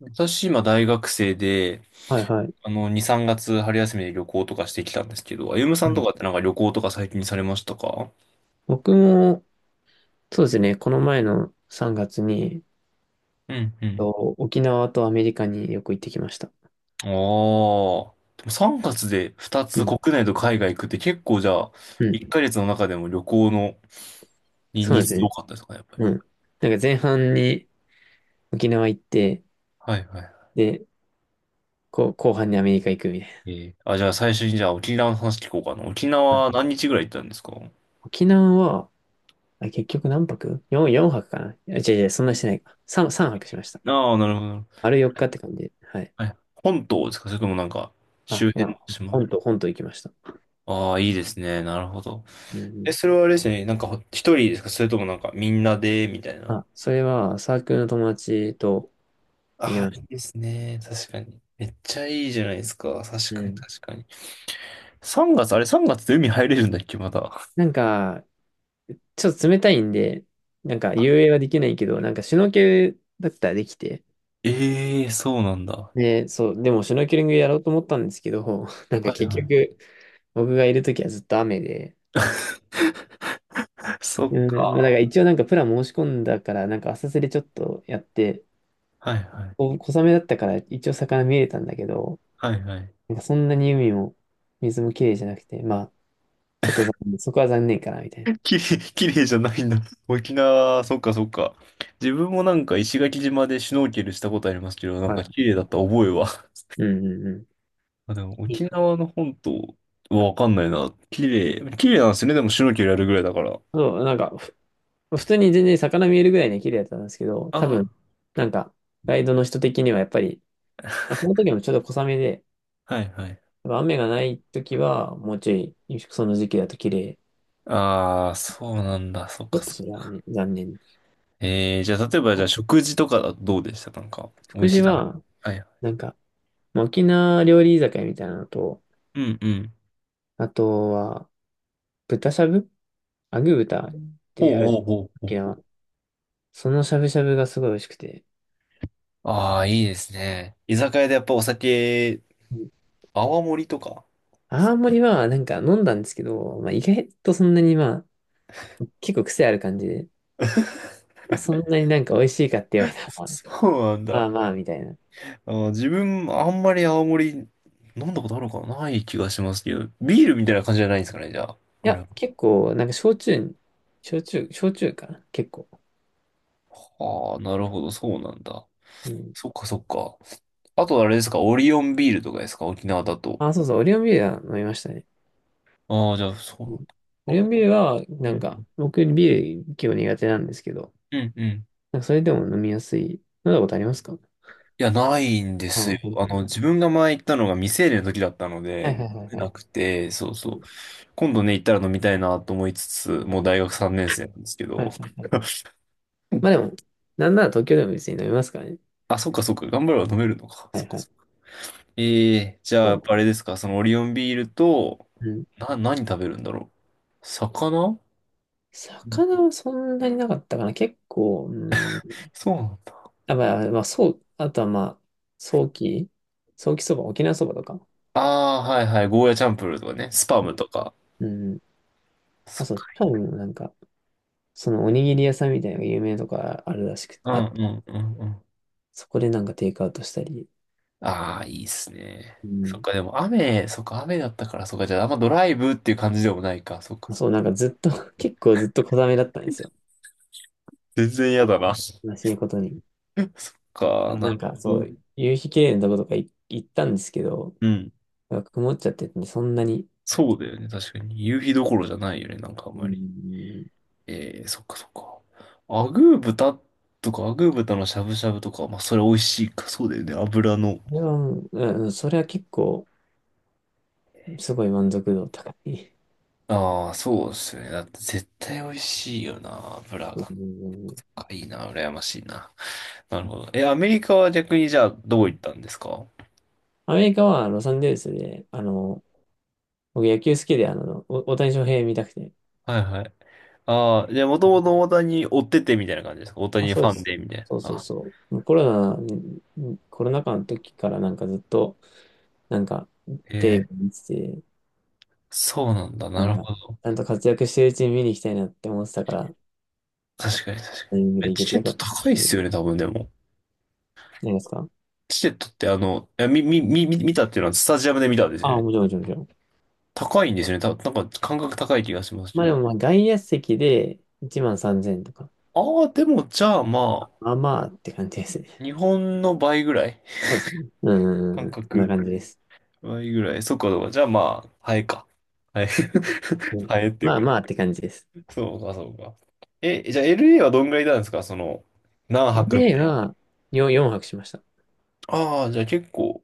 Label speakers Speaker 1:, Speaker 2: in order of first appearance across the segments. Speaker 1: 私、今、大学生で、
Speaker 2: はいはい。
Speaker 1: 2、3月春休みで旅行とかしてきたんですけど、あゆむさ
Speaker 2: う
Speaker 1: んと
Speaker 2: ん、
Speaker 1: かってなんか旅行とか最近されましたか？
Speaker 2: 僕も、そうですね、この前の3月に、
Speaker 1: うんうん。
Speaker 2: と沖縄とアメリカによく行ってきました。
Speaker 1: ああ。でも3月で2
Speaker 2: う
Speaker 1: つ
Speaker 2: ん。
Speaker 1: 国内と海外行くって結構じゃあ、
Speaker 2: うん。
Speaker 1: 1ヶ月の中でも旅行のに
Speaker 2: そう
Speaker 1: 日
Speaker 2: です
Speaker 1: 数多
Speaker 2: ね。
Speaker 1: かったですかね、やっぱり。
Speaker 2: うん。なんか前半に沖縄行って、
Speaker 1: はいはい。
Speaker 2: で、こう、後半にアメリカ行くみたい
Speaker 1: じゃあ最初にじゃあ沖縄の話聞こうかな。沖
Speaker 2: な。は
Speaker 1: 縄
Speaker 2: い。
Speaker 1: 何日ぐらい行ったんですか？
Speaker 2: 沖縄は、結局何泊? 4泊かなあ。違う違う、そんなしてないか。3、三泊しました。
Speaker 1: ああ、なるほど。
Speaker 2: 丸4日って感じで。はい。
Speaker 1: はい。本島ですかそれともなんか、周
Speaker 2: あ、ほ
Speaker 1: 辺の
Speaker 2: ら、
Speaker 1: 島？
Speaker 2: 本島行きました。
Speaker 1: ああ、いいですね。なるほど。
Speaker 2: う
Speaker 1: え、
Speaker 2: ん。
Speaker 1: それはあれですね。なんかほ、一人ですかそれともなんか、みんなで、みたいな。
Speaker 2: あ、それはサークルの友達と行き
Speaker 1: あ
Speaker 2: ま
Speaker 1: あ、
Speaker 2: し
Speaker 1: い
Speaker 2: た。
Speaker 1: いですね。確かに。めっちゃいいじゃないですか。
Speaker 2: う
Speaker 1: 確かに、
Speaker 2: ん。
Speaker 1: 確かに。3月、あれ3月で海入れるんだっけ、まだ。
Speaker 2: なんか、ちょっと冷たいんで、なんか
Speaker 1: あ、
Speaker 2: 遊泳はできないけど、なんかシュノーケルだったらできて、
Speaker 1: ええーそうなんだ。
Speaker 2: で、そう、でもシュノーケリングやろうと思ったんですけど、なんか
Speaker 1: はい
Speaker 2: 結
Speaker 1: は
Speaker 2: 局、僕がいるときはずっと雨で、
Speaker 1: い。そっ
Speaker 2: うん、まあだか
Speaker 1: か。
Speaker 2: ら一応なんかプラン申し込んだから、なんか浅瀬でちょっとやって、
Speaker 1: はいはい。
Speaker 2: お小雨だったから一応魚見えたんだけど、
Speaker 1: はいはい。
Speaker 2: なんかそんなに海も水も綺麗じゃなくて、まあ、ちょっと残念、そこは残念かな、みたい
Speaker 1: きれい、きれいじゃないんだ。沖縄、そっかそっか。自分もなんか石垣島でシュノーケルしたことありますけど、なん
Speaker 2: な。は
Speaker 1: か綺
Speaker 2: い。
Speaker 1: 麗だった覚えは。
Speaker 2: うんうんうん。
Speaker 1: まあ、でも
Speaker 2: いい
Speaker 1: 沖
Speaker 2: な。
Speaker 1: 縄の本島はわかんないな。綺麗。綺麗なんですよね。でもシュノーケルやるぐらいだから。
Speaker 2: そう、なんか、普通に全然魚見えるぐらいね綺麗だったんですけど、多
Speaker 1: あ
Speaker 2: 分、なんか、ガイドの人的にはやっぱり、その時もちょっと小雨で、
Speaker 1: あ、はいはい。
Speaker 2: やっぱ雨がない時は、もうちょい、その時期だと綺麗。
Speaker 1: ああ、そうなんだ。そっ
Speaker 2: ちょ
Speaker 1: か
Speaker 2: っと
Speaker 1: そっ
Speaker 2: それは
Speaker 1: か。
Speaker 2: ね、残念。
Speaker 1: じゃあ例えばじゃあ食事とかだとどうでしたなんか、美
Speaker 2: 福
Speaker 1: 味しい
Speaker 2: 寺
Speaker 1: 食はべ。い。
Speaker 2: は、
Speaker 1: はいはい。
Speaker 2: なんか、まあ沖縄料理居酒屋みたいなのと、
Speaker 1: うんうん。
Speaker 2: あとは、豚しゃぶ、アグ豚っ
Speaker 1: ほ
Speaker 2: て
Speaker 1: う
Speaker 2: あ
Speaker 1: ほ
Speaker 2: る、
Speaker 1: うほ
Speaker 2: 沖
Speaker 1: うほう。
Speaker 2: 縄。そのしゃぶしゃぶがすごい美味しくて。
Speaker 1: ああ、いいですね。居酒屋でやっぱお酒、
Speaker 2: うん。
Speaker 1: 泡盛とか。
Speaker 2: 青森は、なんか飲んだんですけど、まあ、意外とそんなにまあ、結構癖ある感じで、まあ、そんなになんか美味しいかって言われたら、
Speaker 1: そうなん
Speaker 2: ま
Speaker 1: だ。
Speaker 2: あまあ、みたいな。い
Speaker 1: 自分、あんまり泡盛飲んだことあるのかなない気がしますけど、ビールみたいな感じじゃないんですかね、じゃあ。あ
Speaker 2: や、
Speaker 1: れ
Speaker 2: 結構、なんか焼酎かな結構。
Speaker 1: ああ、なるほど、そうなんだ。
Speaker 2: うん。
Speaker 1: そっかそっか。あとあれですか、オリオンビールとかですか、沖縄だと。
Speaker 2: あ、そうそう、オリオンビールは飲みましたね。
Speaker 1: ああ、じゃあ、そう
Speaker 2: うん。
Speaker 1: なんだ。
Speaker 2: オリオ
Speaker 1: あ
Speaker 2: ンビールは、
Speaker 1: う
Speaker 2: なん
Speaker 1: ん、
Speaker 2: か、僕ビール結構苦手なんですけど、
Speaker 1: うん、うん。
Speaker 2: なんかそれでも飲みやすい。飲んだことありますか？
Speaker 1: いや、ないんで
Speaker 2: あ
Speaker 1: す
Speaker 2: あ、
Speaker 1: よ。
Speaker 2: ほんとほんと。
Speaker 1: 自分が前行ったのが未成年の時だったの
Speaker 2: はいは
Speaker 1: で、
Speaker 2: いはいは
Speaker 1: な
Speaker 2: い。
Speaker 1: くて、そう
Speaker 2: う
Speaker 1: そう。
Speaker 2: ん。
Speaker 1: 今度ね、行ったら飲みたいなと思いつつ、もう大学3年生なんですけ
Speaker 2: は
Speaker 1: ど。
Speaker 2: いはいはい。まあ でも、なんなら東京でも別に飲みますからね。
Speaker 1: あ、そっかそっか、頑張れば飲めるのか。
Speaker 2: は
Speaker 1: そっ
Speaker 2: い
Speaker 1: か
Speaker 2: は
Speaker 1: そ
Speaker 2: い。
Speaker 1: っか。ええーじゃあ、
Speaker 2: こ
Speaker 1: やっ
Speaker 2: う、
Speaker 1: ぱあれですか、そのオリオンビールと、
Speaker 2: うん。
Speaker 1: 何食べるんだろう。魚
Speaker 2: 魚はそんなになかったかな。結構、うん。
Speaker 1: そうなんだ。
Speaker 2: あ、まあ、まあ、そう、あとはまあ、早期、早期そば、沖縄そばとか。
Speaker 1: ああ、はいはい。ゴーヤチャンプルーとかね。スパ
Speaker 2: う
Speaker 1: ム
Speaker 2: ん。
Speaker 1: とか。
Speaker 2: うん。
Speaker 1: そ
Speaker 2: あ、
Speaker 1: っ
Speaker 2: そう、
Speaker 1: か。
Speaker 2: 多分なんか、そのおにぎり屋さんみたいなのが有名なとかあるらしく、
Speaker 1: う
Speaker 2: あ
Speaker 1: んう
Speaker 2: った。
Speaker 1: んうんうん。
Speaker 2: そこでなんかテイクアウトしたり。
Speaker 1: ああ、いいっすね。
Speaker 2: う
Speaker 1: そっ
Speaker 2: ん。
Speaker 1: か、でも雨、そっか、雨だったから、そっか、じゃああんまドライブっていう感じでもないか。そっか、
Speaker 2: まあ、
Speaker 1: そっか
Speaker 2: そう、なんかずっと、結構ずっと小雨だったんですよ。
Speaker 1: 全然嫌
Speaker 2: あ、
Speaker 1: だな。そっ
Speaker 2: 悲しいことに。あ
Speaker 1: か、
Speaker 2: の、
Speaker 1: な
Speaker 2: な
Speaker 1: る
Speaker 2: んかそ
Speaker 1: ほ
Speaker 2: う、
Speaker 1: ど。
Speaker 2: 夕日綺麗なとことかい行ったんですけど、
Speaker 1: うん。
Speaker 2: なんか曇っちゃっててね、そんなに。
Speaker 1: そうだよね。確かに。夕日どころじゃないよね。なんかあん
Speaker 2: う
Speaker 1: まり。
Speaker 2: ん。
Speaker 1: ええそっかそっか。アグー豚とか、アグー豚のしゃぶしゃぶとか、まあ、それ美味しいか。そうだよね。油の。
Speaker 2: それはもう、うん、それは結構、すごい満足度高い。
Speaker 1: ああ、そうですよね。だって絶対美味しいよな、ブラ
Speaker 2: う
Speaker 1: が。
Speaker 2: ん。
Speaker 1: あ、いいな、羨ましいな。なるほど。え、アメリカは逆にじゃあどこ行ったんですか？は
Speaker 2: アメリカはロサンゼルスで、僕野球好きで、大谷翔平見たくて。
Speaker 1: いはい。ああ、じゃあもともと大谷追っててみたいな感じですか？大
Speaker 2: あ、
Speaker 1: 谷フ
Speaker 2: そうで
Speaker 1: ァン
Speaker 2: す。
Speaker 1: でみたいな。
Speaker 2: そうそう
Speaker 1: あ、
Speaker 2: そう。コロナ禍の時からなんかずっと、なんか、
Speaker 1: え
Speaker 2: テレビ
Speaker 1: え、
Speaker 2: 見てて、
Speaker 1: そうなんだ。
Speaker 2: な
Speaker 1: な
Speaker 2: ん
Speaker 1: る
Speaker 2: か、
Speaker 1: ほど。
Speaker 2: ちゃんと活躍してるうちに見に行きたいなって思ってたから、
Speaker 1: 確かに確か
Speaker 2: タイ
Speaker 1: に。
Speaker 2: ミングで
Speaker 1: え、
Speaker 2: 行け
Speaker 1: チ
Speaker 2: て
Speaker 1: ケッ
Speaker 2: よか
Speaker 1: ト
Speaker 2: ったなっ
Speaker 1: 高いっ
Speaker 2: てい
Speaker 1: す
Speaker 2: う。
Speaker 1: よね、多分でも。
Speaker 2: 何ですか？
Speaker 1: チケットっていや、み、み、み、み見たっていうのはスタジアムで見たんですよ
Speaker 2: あ、
Speaker 1: ね。
Speaker 2: もちろんもちろんもちろん。
Speaker 1: 高いんですよね。なんか感覚高い気がしますけ
Speaker 2: まあで
Speaker 1: ど。
Speaker 2: も、まあ外野席で1万3000とか。
Speaker 1: ああ、でもじゃあま
Speaker 2: まあまあって感じです
Speaker 1: あ、
Speaker 2: ね。
Speaker 1: 日本の倍ぐらい。
Speaker 2: そうですね。うんう
Speaker 1: 感
Speaker 2: んうん。そんな
Speaker 1: 覚。
Speaker 2: 感じです。
Speaker 1: 倍ぐらい。そっか、そっか。じゃあまあ、ハエか。ハエ。
Speaker 2: う ん。
Speaker 1: ハエっていう
Speaker 2: まあ
Speaker 1: か。
Speaker 2: まあって感じです。
Speaker 1: そうか、そうか。え、じゃあ LA はどんぐらいいたんですか？その、何泊み
Speaker 2: LA
Speaker 1: たい
Speaker 2: は4泊しました。
Speaker 1: な。ああ、じゃあ結構、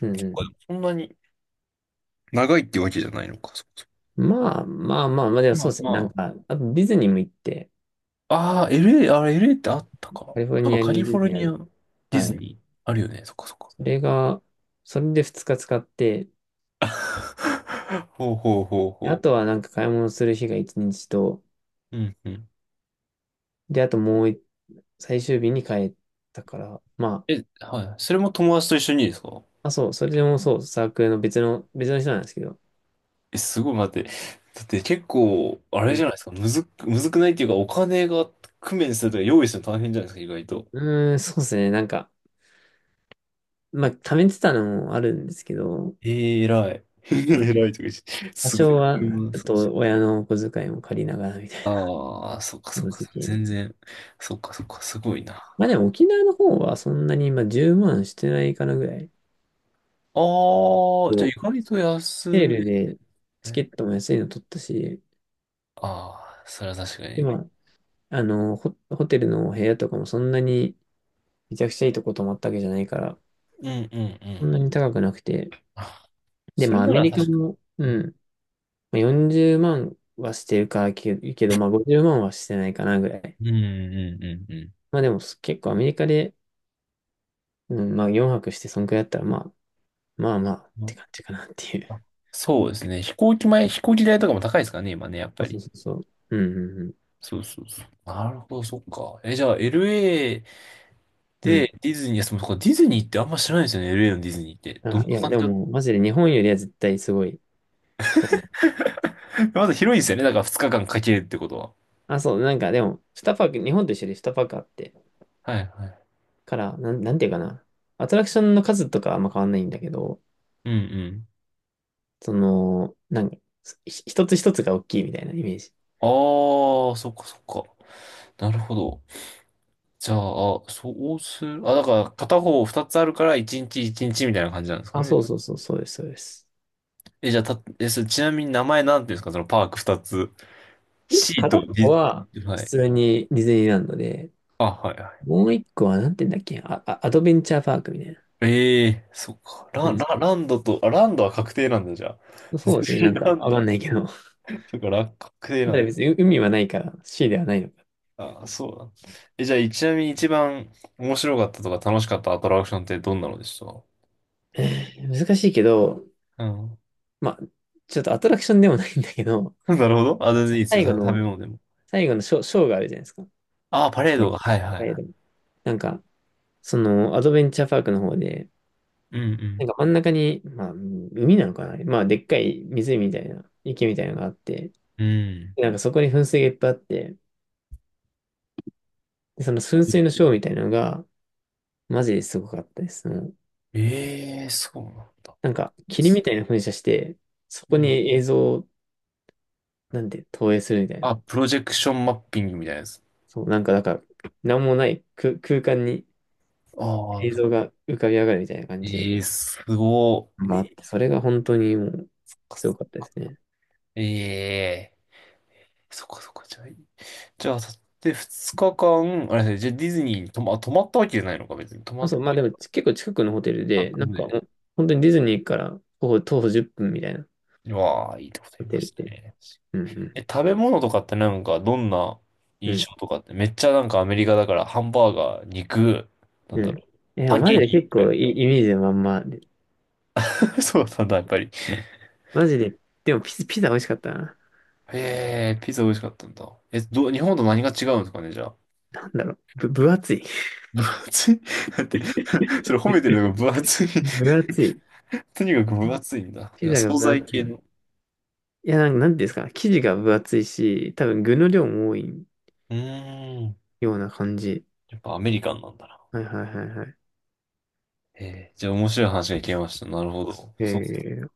Speaker 2: う
Speaker 1: 結構
Speaker 2: ん
Speaker 1: そんなに長いっていうわけじゃないのか。そうそ
Speaker 2: うん。まあまあまあ、まあで
Speaker 1: う。
Speaker 2: も
Speaker 1: ま
Speaker 2: そ
Speaker 1: あ
Speaker 2: うですね。なん
Speaker 1: ま
Speaker 2: か、あとディズニーも行って、
Speaker 1: あ。ああ、LA、あれ LA ってあったか。
Speaker 2: カリフォル
Speaker 1: あ
Speaker 2: ニ
Speaker 1: と
Speaker 2: ア
Speaker 1: カリ
Speaker 2: にデ
Speaker 1: フォ
Speaker 2: ィズ
Speaker 1: ル
Speaker 2: ニーあ
Speaker 1: ニア、
Speaker 2: る。
Speaker 1: ディ
Speaker 2: は
Speaker 1: ズ
Speaker 2: い。
Speaker 1: ニー、あるよね。そっかそっか。
Speaker 2: それが、それで2日使って、
Speaker 1: ほうほうほう
Speaker 2: であ
Speaker 1: ほ
Speaker 2: とはなんか買い物する日が1日と、
Speaker 1: う。うんうん。
Speaker 2: で、あともうい最終日に帰ったから、ま
Speaker 1: え、はい。それも友達と一緒にですか？
Speaker 2: あ、あ、そう、それでもそう、サークルの別の人なんですけど、
Speaker 1: え、すごい待って。だって結構、あ
Speaker 2: う
Speaker 1: れじ
Speaker 2: ん。
Speaker 1: ゃないですか。むずくないっていうか、お金が工面するとか用意するの大変じゃないですか、意外と。
Speaker 2: うーん、そうですね。なんか、まあ、貯めてたのもあるんですけど、
Speaker 1: 偉い。
Speaker 2: まあ、
Speaker 1: 偉いとか言って
Speaker 2: 多
Speaker 1: すごい
Speaker 2: 少
Speaker 1: ね。
Speaker 2: は、
Speaker 1: うん、
Speaker 2: ちょっ
Speaker 1: そうそ
Speaker 2: と親のお小遣いも借りながらみた
Speaker 1: う。
Speaker 2: いな、
Speaker 1: ああ、そっか
Speaker 2: こ
Speaker 1: そっ
Speaker 2: の
Speaker 1: か。
Speaker 2: 時。
Speaker 1: 全然。そっかそっか。すごいな。あ
Speaker 2: まあでも沖縄の方はそんなに今10万してないかなぐらい。
Speaker 1: あ、じゃあ
Speaker 2: も
Speaker 1: 意
Speaker 2: う、
Speaker 1: 外と安
Speaker 2: セー
Speaker 1: め。
Speaker 2: ルでチケットも安いの取ったし、
Speaker 1: ああ、それは確か
Speaker 2: 今、
Speaker 1: に。
Speaker 2: まあ、ホテルの部屋とかもそんなにめちゃくちゃいいとこ泊まったわけじゃないから、
Speaker 1: うんうんう
Speaker 2: そん
Speaker 1: ん。
Speaker 2: なに高くなくて。
Speaker 1: あ、
Speaker 2: で、
Speaker 1: それ
Speaker 2: まあア
Speaker 1: な
Speaker 2: メ
Speaker 1: ら
Speaker 2: リカ
Speaker 1: 確か
Speaker 2: も、
Speaker 1: に。
Speaker 2: うん、まあ40万はしてるけど、まあ50万はしてないかなぐらい。
Speaker 1: うんうんうんう
Speaker 2: まあでも結構アメリカで、うん、まあ4泊してそんくらいだったら、まあ、まあまあっ
Speaker 1: ん。う
Speaker 2: て
Speaker 1: ん
Speaker 2: 感じかなってい
Speaker 1: あ
Speaker 2: う。
Speaker 1: そうですね。飛行機代とかも高いですからね、今ね、やっ
Speaker 2: そ
Speaker 1: ぱ
Speaker 2: うそう
Speaker 1: り。
Speaker 2: そうそう。うんうんうん。
Speaker 1: そうそうそう。なるほど、そっか。え、じゃあ LA
Speaker 2: う
Speaker 1: で
Speaker 2: ん。
Speaker 1: ディズニー、いや、そのディズニーってあんま知らないですよね、LA のディズニーって。どん
Speaker 2: あ、
Speaker 1: な
Speaker 2: いや、
Speaker 1: 感
Speaker 2: でも
Speaker 1: じだ？
Speaker 2: もうマジで日本よりは絶対すごいと思う。
Speaker 1: まず広いんですよね、だから2日間かんかけるってことは。
Speaker 2: あ、そう、なんかでも、2パーク、日本と一緒で2パークあって、
Speaker 1: はいはい。
Speaker 2: から、なんていうかな。アトラクションの数とかはあんま変わんないんだけど、
Speaker 1: うんうん。
Speaker 2: その、なんか、一つ一つが大きいみたいなイメージ。
Speaker 1: ああ、そっかそっか。なるほど。じゃあ、そうする。あ、だから片方2つあるから1日1日みたいな感じなんですか
Speaker 2: あ、
Speaker 1: ね。
Speaker 2: そうそうそう、そうです、そうです。
Speaker 1: え、じゃあ、それちなみに名前なんていうんですか、そのパーク2つ。
Speaker 2: 一
Speaker 1: シー
Speaker 2: 個
Speaker 1: と
Speaker 2: 片っ
Speaker 1: デ
Speaker 2: ぽ
Speaker 1: ィ
Speaker 2: は、
Speaker 1: ズ、は
Speaker 2: 普
Speaker 1: い。
Speaker 2: 通にディズニーランドで、
Speaker 1: あ、はいはい。
Speaker 2: もう一個はなんて言うんだっけ、アドベンチャーパークみたいな
Speaker 1: ええそっか。
Speaker 2: 感
Speaker 1: ラ
Speaker 2: じ。
Speaker 1: ランドと、あ、ランドは確定なんだ、じゃあ。
Speaker 2: そう
Speaker 1: 別
Speaker 2: ですね、
Speaker 1: に
Speaker 2: なんか
Speaker 1: ラン
Speaker 2: わか
Speaker 1: ド。
Speaker 2: んないけど。ま
Speaker 1: そっか、確定
Speaker 2: だ
Speaker 1: な
Speaker 2: か
Speaker 1: ん
Speaker 2: ら
Speaker 1: だ。
Speaker 2: 別に海はないから、シーではないのか。
Speaker 1: あ、そうだ。え、じゃあ、ちなみに一番面白かったとか楽しかったアトラクションってどんなのでした？
Speaker 2: 難しいけど、
Speaker 1: うん。
Speaker 2: まあ、ちょっとアトラクションでもないんだけど、
Speaker 1: なるほど。あ、全然いいですよ。
Speaker 2: 最後
Speaker 1: 食べ
Speaker 2: の、
Speaker 1: 物でも。
Speaker 2: 最後のショーがあるじゃないですか。
Speaker 1: あ、パレー
Speaker 2: ね。
Speaker 1: ドが。はいは
Speaker 2: は
Speaker 1: い
Speaker 2: い。
Speaker 1: は
Speaker 2: でもなんか、そのアドベンチャーパークの方で、
Speaker 1: い。う
Speaker 2: なん
Speaker 1: ん
Speaker 2: か真ん中に、まあ、海なのかな、まあ、でっかい湖みたいな、池みたいなのがあって、
Speaker 1: うん。うん。
Speaker 2: でなんかそこに噴水がいっぱいあって、でその噴水のショーみたいなのが、マジですごかったです。もう
Speaker 1: ええそうなんだ。
Speaker 2: なんか、霧みたいな噴射して、そ
Speaker 1: う
Speaker 2: こに
Speaker 1: ん。
Speaker 2: 映像を、なんて、投影するみたいな。
Speaker 1: あ、プロジェクションマッピングみたいなやつ。
Speaker 2: そう、なんか、なんもない空間に
Speaker 1: あ
Speaker 2: 映
Speaker 1: あ、
Speaker 2: 像が浮かび上がるみたいな感じ
Speaker 1: ええすごい。
Speaker 2: があっ
Speaker 1: え
Speaker 2: て、それが本当にもう、すごかったですね。
Speaker 1: えええそっかそっか。じゃあ、じゃあ、さでっ2日間、あれですね、じゃあディズニーに泊まったわけじゃないのか、別に。泊ま
Speaker 2: あ、
Speaker 1: っ
Speaker 2: そう、まあでも結構近くのホテル
Speaker 1: た
Speaker 2: で、
Speaker 1: 近
Speaker 2: な
Speaker 1: く
Speaker 2: んかも
Speaker 1: で。
Speaker 2: う本当にディズニーから徒歩10分みたいな
Speaker 1: うわあ、いいとこ
Speaker 2: ホ
Speaker 1: 言いま
Speaker 2: テ
Speaker 1: し
Speaker 2: ル
Speaker 1: た
Speaker 2: で。
Speaker 1: ね。
Speaker 2: うんう
Speaker 1: え、
Speaker 2: ん。
Speaker 1: 食べ物とかってなんか、どんな
Speaker 2: う
Speaker 1: 印
Speaker 2: ん
Speaker 1: 象とかって、めっちゃなんかアメリカだから、ハンバーガー、肉、なん
Speaker 2: う
Speaker 1: だ
Speaker 2: ん。
Speaker 1: ろう、
Speaker 2: え、
Speaker 1: パン
Speaker 2: マ
Speaker 1: ケ
Speaker 2: ジ
Speaker 1: ー
Speaker 2: で
Speaker 1: キ
Speaker 2: 結
Speaker 1: みたい
Speaker 2: 構
Speaker 1: な。
Speaker 2: いいイメージのまんまで。
Speaker 1: そうなんだ、やっぱり。
Speaker 2: マジで、でもピザ美味しかったな。
Speaker 1: へえ、ピザ美味しかったんだ。え、日本と何が違うんですかね、じゃあ。
Speaker 2: なんだろう。分厚い。
Speaker 1: 分厚いだ って、それ褒めてるのが分厚い。
Speaker 2: 分厚い。
Speaker 1: とにかく分厚いんだ。じ
Speaker 2: ピ
Speaker 1: ゃあ、
Speaker 2: ザが
Speaker 1: 惣
Speaker 2: 分
Speaker 1: 菜
Speaker 2: 厚い。
Speaker 1: 系
Speaker 2: い
Speaker 1: の。
Speaker 2: や、なんていうんですか。生地が分厚いし、多分具の量も多い
Speaker 1: うーん。
Speaker 2: ような感じ。
Speaker 1: やっぱアメリカンなんだな。
Speaker 2: はいはいはいはい。
Speaker 1: ええ、じゃあ面白い話が聞けました。なるほど。そう。
Speaker 2: え